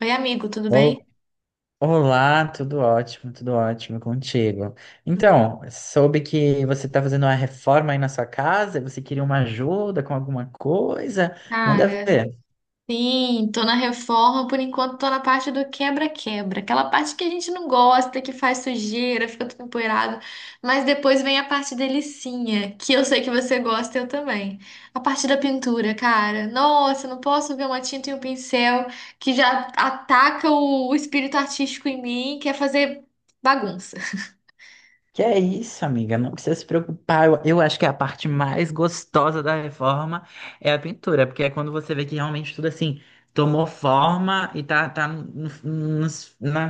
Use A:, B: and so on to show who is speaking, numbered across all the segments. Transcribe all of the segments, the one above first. A: Oi, amigo, tudo
B: Ol-
A: bem?
B: Olá, tudo ótimo contigo. Então, soube que você está fazendo uma reforma aí na sua casa, você queria uma ajuda com alguma coisa? Manda
A: Cara,
B: ver.
A: sim, tô na reforma. Por enquanto tô na parte do quebra-quebra, aquela parte que a gente não gosta, que faz sujeira, fica tudo empoeirado, mas depois vem a parte delicinha, que eu sei que você gosta, eu também. A parte da pintura, cara. Nossa, eu não posso ver uma tinta e um pincel que já ataca o espírito artístico em mim, quer fazer bagunça.
B: Que é isso, amiga, não precisa se preocupar. Eu acho que a parte mais gostosa da reforma é a pintura, porque é quando você vê que realmente tudo assim tomou forma e no- no- na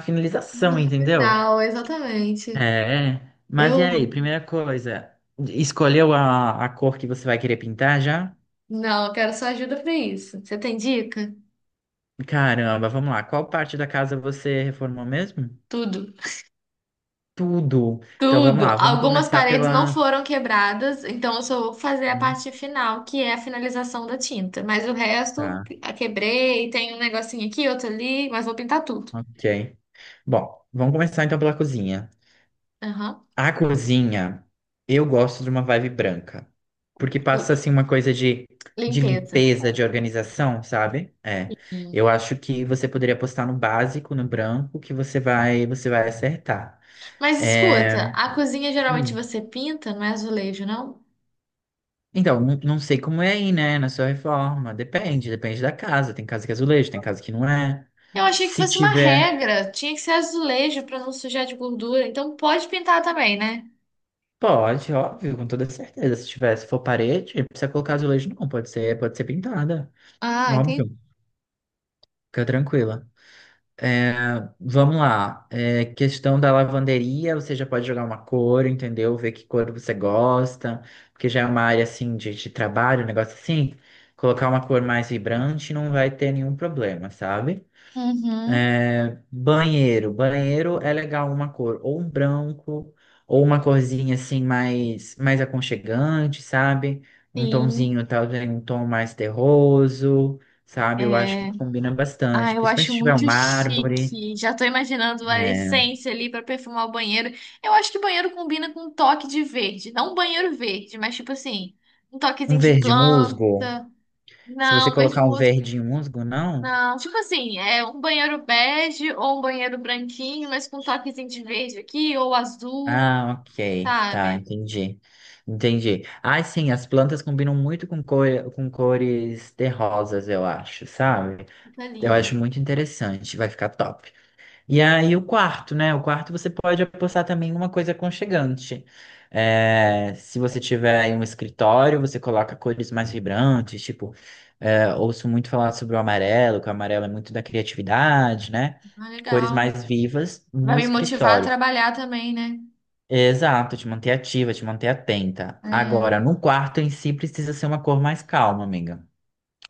A: No
B: finalização, entendeu?
A: final, exatamente.
B: É, mas e
A: Eu
B: aí, primeira coisa, escolheu a cor que você vai querer pintar já?
A: não, eu quero sua ajuda pra isso. Você tem dica?
B: Caramba, vamos lá, qual parte da casa você reformou mesmo?
A: Tudo.
B: Tudo. Então vamos
A: Tudo.
B: lá, vamos
A: Algumas
B: começar
A: paredes não
B: pela.
A: foram quebradas, então eu só vou fazer a
B: Hum,
A: parte final, que é a finalização da tinta. Mas o resto,
B: tá,
A: a quebrei, tem um negocinho aqui, outro ali, mas vou pintar tudo.
B: ok. Bom, vamos começar então pela cozinha.
A: Aham.
B: A cozinha, eu gosto de uma vibe branca, porque
A: Eu-
B: passa assim uma coisa de
A: Limpeza.
B: limpeza, de organização, sabe?
A: Sim.
B: Eu acho que você poderia apostar no básico, no branco, que você vai acertar.
A: Mas escuta,
B: É,
A: a cozinha geralmente
B: hum.
A: você pinta, não é azulejo, não?
B: Então, não sei como é aí, né, na sua reforma. Depende, depende da casa. Tem casa que é azulejo, tem casa que não é.
A: Eu achei que
B: Se
A: fosse uma
B: tiver,
A: regra, tinha que ser azulejo para não sujar de gordura, então pode pintar também, né?
B: pode, óbvio, com toda certeza. Se tiver, se for parede, não precisa colocar azulejo, não. Pode ser pintada,
A: Ah, entendi.
B: óbvio. Fica tranquila. É, vamos lá. Questão da lavanderia, você já pode jogar uma cor, entendeu? Ver que cor você gosta, porque já é uma área assim de trabalho, um negócio assim. Colocar uma cor mais vibrante não vai ter nenhum problema, sabe?
A: Uhum.
B: Banheiro. Banheiro é legal uma cor, ou um branco, ou uma corzinha assim mais aconchegante, sabe? Um
A: Sim.
B: tomzinho, talvez um tom mais terroso, sabe? Eu acho que
A: É.
B: combina
A: Ah,
B: bastante,
A: eu
B: principalmente
A: acho
B: se tiver um
A: muito
B: mármore.
A: chique. Já tô imaginando a
B: É,
A: essência ali pra perfumar o banheiro. Eu acho que banheiro combina com um toque de verde. Não um banheiro verde, mas tipo assim, um
B: um
A: toquezinho de
B: verde musgo.
A: planta.
B: Se você
A: Não, vejo
B: colocar um
A: música.
B: verde musgo, não?
A: Não, tipo assim, é um banheiro bege ou um banheiro branquinho, mas com um toquezinho de verde aqui ou azul,
B: Ah, ok. Tá,
A: sabe?
B: entendi. Entendi. Ah, sim, as plantas combinam muito cor, com cores terrosas, eu acho, sabe?
A: Fica
B: Eu
A: lindo.
B: acho muito interessante. Vai ficar top. E aí o quarto, né? O quarto você pode apostar também em uma coisa aconchegante. Se você tiver aí um escritório, você coloca cores mais vibrantes, tipo, ouço muito falar sobre o amarelo, que o amarelo é muito da criatividade, né?
A: Ah,
B: Cores
A: legal.
B: mais vivas
A: Vai
B: no
A: me motivar a
B: escritório.
A: trabalhar também, né?
B: Exato, te manter ativa, te manter atenta.
A: É.
B: Agora, no quarto em si precisa ser uma cor mais calma, amiga,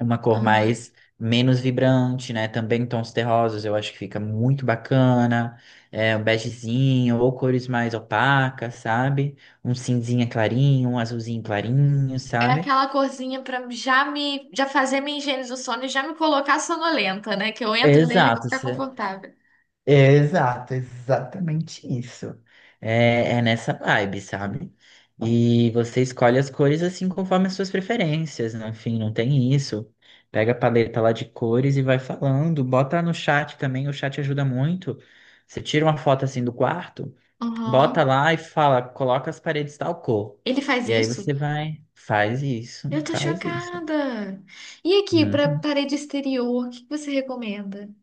B: uma cor
A: Ah.
B: mais menos vibrante, né? Também tons terrosos, eu acho que fica muito bacana. Um begezinho ou cores mais opacas, sabe? Um cinzinha clarinho, um azulzinho clarinho,
A: É
B: sabe?
A: aquela corzinha pra já fazer minha higiene do sono e já me colocar sonolenta, né? Que eu entro nele e vou
B: Exato.
A: ficar confortável.
B: Exato, exatamente isso. É nessa vibe, sabe? E você escolhe as cores assim conforme as suas preferências, no fim, não tem isso. Pega a paleta lá de cores e vai falando, bota no chat também, o chat ajuda muito. Você tira uma foto assim do quarto, bota
A: Aham.
B: lá e fala, coloca as paredes tal cor.
A: Ele faz
B: E aí
A: isso?
B: você vai, faz isso,
A: Eu tô
B: faz isso.
A: chocada. E aqui, pra
B: Uhum.
A: parede exterior, o que que você recomenda?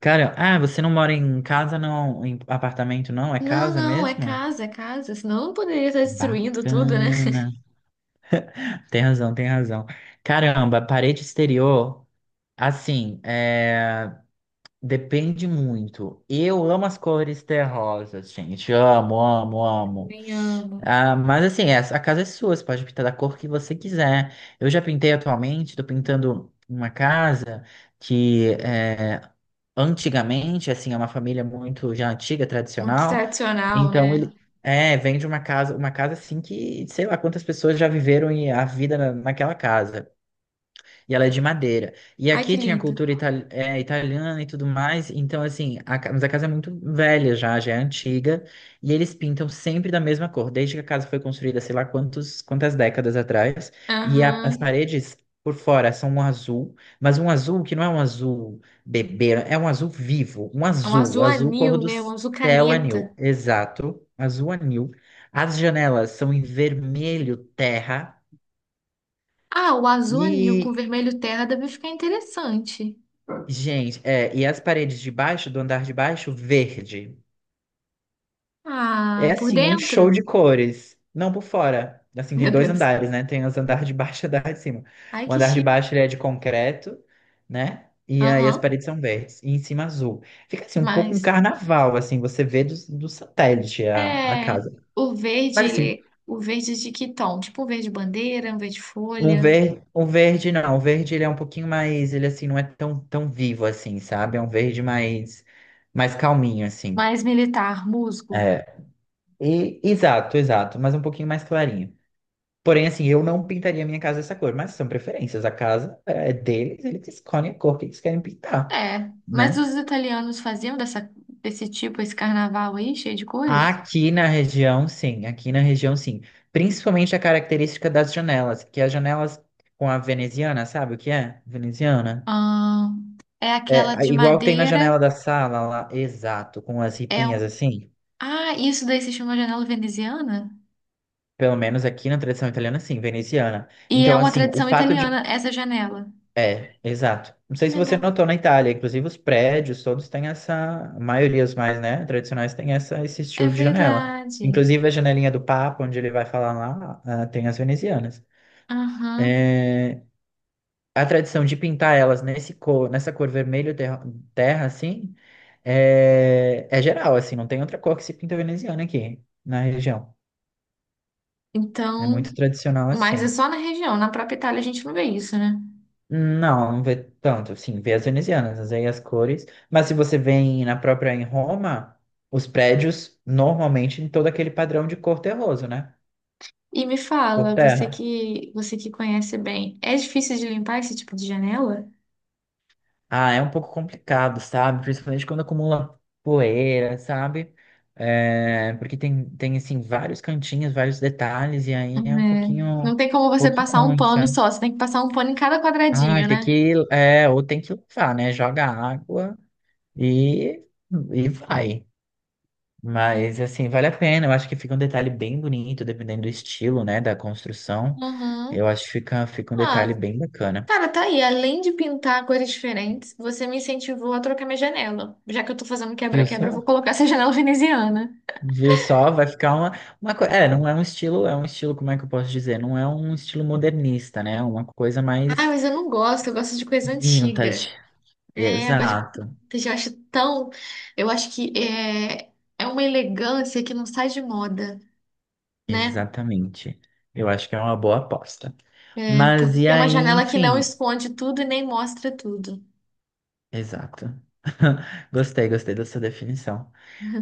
B: Cara, ah, você não mora em casa, não, em apartamento, não? É
A: Não,
B: casa
A: não, é
B: mesmo?
A: casa, é casa. Senão eu não poderia estar destruindo tudo, né?
B: Bacana. Tem razão, tem razão. Caramba, parede exterior, assim, depende muito. Eu amo as cores terrosas, gente. Amo, amo, amo.
A: Nem amo.
B: Ah, mas assim, a casa é sua, você pode pintar da cor que você quiser. Eu já pintei atualmente, tô pintando uma casa que é, antigamente, assim, é uma família muito já antiga,
A: Muito
B: tradicional.
A: tradicional,
B: Então
A: né?
B: ele vem de uma casa assim que, sei lá quantas pessoas já viveram e a vida naquela casa. E ela é de madeira. E
A: Ai, que
B: aqui tinha
A: lindo.
B: cultura italiana e tudo mais. Então, assim, mas a casa é muito velha já, já é antiga. E eles pintam sempre da mesma cor, desde que a casa foi construída, sei lá quantas décadas atrás. E as
A: Aham.
B: paredes por fora são um azul, mas um azul que não é um azul bebê, é um azul vivo. Um
A: É um
B: azul,
A: azul
B: azul cor
A: anil,
B: do
A: né? Um azul
B: céu anil.
A: caneta.
B: Exato, azul anil. As janelas são em vermelho terra.
A: Ah, o azul anil
B: e
A: com vermelho terra deve ficar interessante.
B: Gente, e as paredes de baixo, do andar de baixo, verde. É
A: Ah, por
B: assim, um
A: dentro?
B: show de cores. Não por fora. Assim,
A: Meu
B: tem dois
A: Deus.
B: andares, né? Tem os andar de baixo e o andar de cima.
A: Ai,
B: O
A: que
B: andar de
A: chique.
B: baixo ele é de concreto, né? E aí as
A: Aham.
B: paredes são verdes. E em cima azul. Fica assim, um pouco um
A: Mas
B: carnaval, assim, você vê do satélite a
A: é
B: casa.
A: o verde,
B: Mas assim,
A: ele, o verde de que tom? Tipo um verde bandeira, um verde folha,
B: o verde não. O verde ele é um pouquinho mais, ele assim, não é tão vivo assim, sabe? É um verde mais, mais calminho, assim.
A: mais militar, musgo.
B: É, E, exato, exato, mas um pouquinho mais clarinho. Porém, assim, eu não pintaria minha casa dessa cor, mas são preferências. A casa é deles, eles escolhem a cor que eles querem pintar,
A: É, mas os
B: né?
A: italianos faziam dessa, desse tipo esse carnaval aí, cheio de cores?
B: Aqui na região, sim, aqui na região, sim. Principalmente a característica das janelas, que as janelas com a veneziana, sabe o que é? Veneziana?
A: Ah, é aquela de
B: Igual tem na
A: madeira,
B: janela da sala lá, exato, com as
A: é
B: ripinhas assim.
A: Ah, isso daí se chama janela veneziana?
B: Pelo menos aqui na tradição italiana, sim, veneziana.
A: E é
B: Então,
A: uma
B: assim, o
A: tradição
B: fato de
A: italiana essa janela.
B: Exato. Não
A: Que
B: sei se você
A: legal.
B: notou na Itália, inclusive os prédios todos têm essa, a maioria os mais, né, tradicionais têm essa, esse
A: É
B: estilo de janela.
A: verdade.
B: Inclusive a janelinha do Papa, onde ele vai falar lá, ah, tem as venezianas.
A: Aham.
B: É, a tradição de pintar elas nesse cor, nessa cor vermelho terra, terra assim, é geral, assim, não tem outra cor que se pinta veneziana aqui na região. É
A: Então,
B: muito tradicional
A: mas é
B: assim.
A: só na região, na própria Itália a gente não vê isso, né?
B: Não, não vê tanto, sim, vê as venezianas, mas aí as cores. Mas se você vem na própria em Roma, os prédios normalmente em todo aquele padrão de cor terroso, né?
A: E me
B: Por
A: fala,
B: terra.
A: você que conhece bem, é difícil de limpar esse tipo de janela?
B: Ah, é um pouco complicado, sabe? Principalmente quando acumula poeira, sabe? Porque tem, assim, vários cantinhos, vários detalhes, e aí é
A: É.
B: um
A: Não tem como você
B: pouquinho
A: passar um
B: ruim,
A: pano
B: sabe?
A: só, você tem que passar um pano em cada
B: Ah,
A: quadradinho,
B: tem
A: né?
B: que, é, ou tem que lavar, né? Joga água e, e vai. Mas, assim, vale a pena. Eu acho que fica um detalhe bem bonito, dependendo do estilo, né, da construção. Eu
A: Uhum.
B: acho que fica, fica um detalhe
A: Ah,
B: bem bacana.
A: cara, tá aí. Além de pintar cores diferentes, você me incentivou a trocar minha janela. Já que eu tô fazendo
B: Viu
A: quebra-quebra, eu
B: só?
A: vou colocar essa janela veneziana.
B: Viu só? Vai ficar uma coisa. Não é um estilo, é um estilo, como é que eu posso dizer? Não é um estilo modernista, né? É uma coisa
A: Ah,
B: mais
A: mas eu não gosto, eu gosto de coisa
B: vintage.
A: antiga. É, mas
B: Exato,
A: eu já acho tão. Eu acho que é uma elegância que não sai de moda, né?
B: exatamente. Eu acho que é uma boa aposta. Mas e
A: Porque é uma
B: aí,
A: janela que não
B: enfim,
A: esconde tudo e nem mostra tudo.
B: exato. Gostei, gostei dessa definição.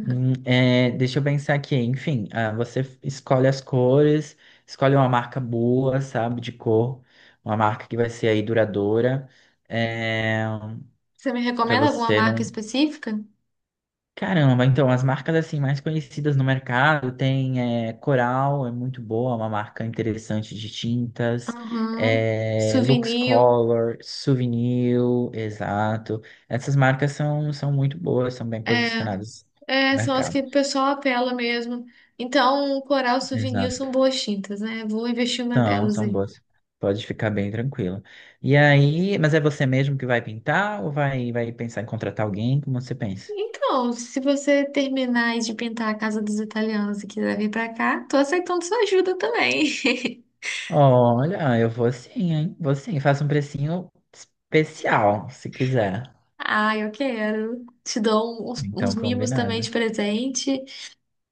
B: Deixa eu pensar aqui. Enfim, ah, escolhe as cores, escolhe uma marca boa, sabe, de cor, uma marca que vai ser aí duradoura, é,
A: Você me
B: para
A: recomenda alguma
B: você
A: marca
B: não.
A: específica?
B: Caramba, então as marcas assim mais conhecidas no mercado tem Coral, é muito boa, é uma marca interessante de tintas,
A: Uhum.
B: Lux
A: Souvenir.
B: Color, Souvenir, exato. Essas marcas são, são muito boas, são bem
A: É,
B: posicionadas no
A: são as
B: mercado.
A: que o pessoal apela mesmo. Então, um coral souvenir são boas tintas, né? Vou investir uma
B: São,
A: delas
B: são
A: aí.
B: boas. Pode ficar bem tranquilo. E aí, mas é você mesmo que vai pintar ou vai, vai pensar em contratar alguém? Como você pensa?
A: Então, se você terminar aí de pintar a casa dos italianos e quiser vir pra cá, tô aceitando sua ajuda também.
B: Olha, eu vou sim, hein? Vou sim. Faço um precinho especial, se quiser.
A: Ah, eu quero. Te dou uns
B: Então,
A: mimos também de
B: combinado.
A: presente,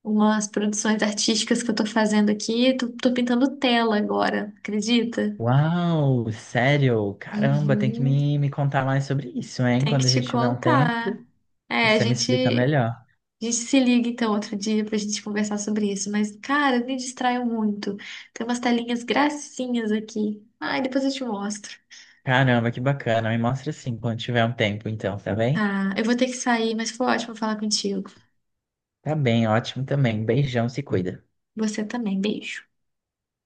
A: umas produções artísticas que eu tô fazendo aqui. Tô pintando tela agora, acredita?
B: Uau, sério? Caramba, tem que
A: Uhum,
B: me contar mais sobre isso, hein?
A: tem que
B: Quando a
A: te
B: gente tiver um tempo,
A: contar. É,
B: você me explica melhor.
A: a gente se liga então outro dia pra gente conversar sobre isso. Mas, cara, eu me distraio muito. Tem umas telinhas gracinhas aqui. Ai, depois eu te mostro.
B: Caramba, que bacana. Me mostra sim quando tiver um tempo, então, tá bem?
A: Tá, eu vou ter que sair, mas foi ótimo falar contigo.
B: Tá bem, ótimo também. Beijão, se cuida.
A: Você também, beijo.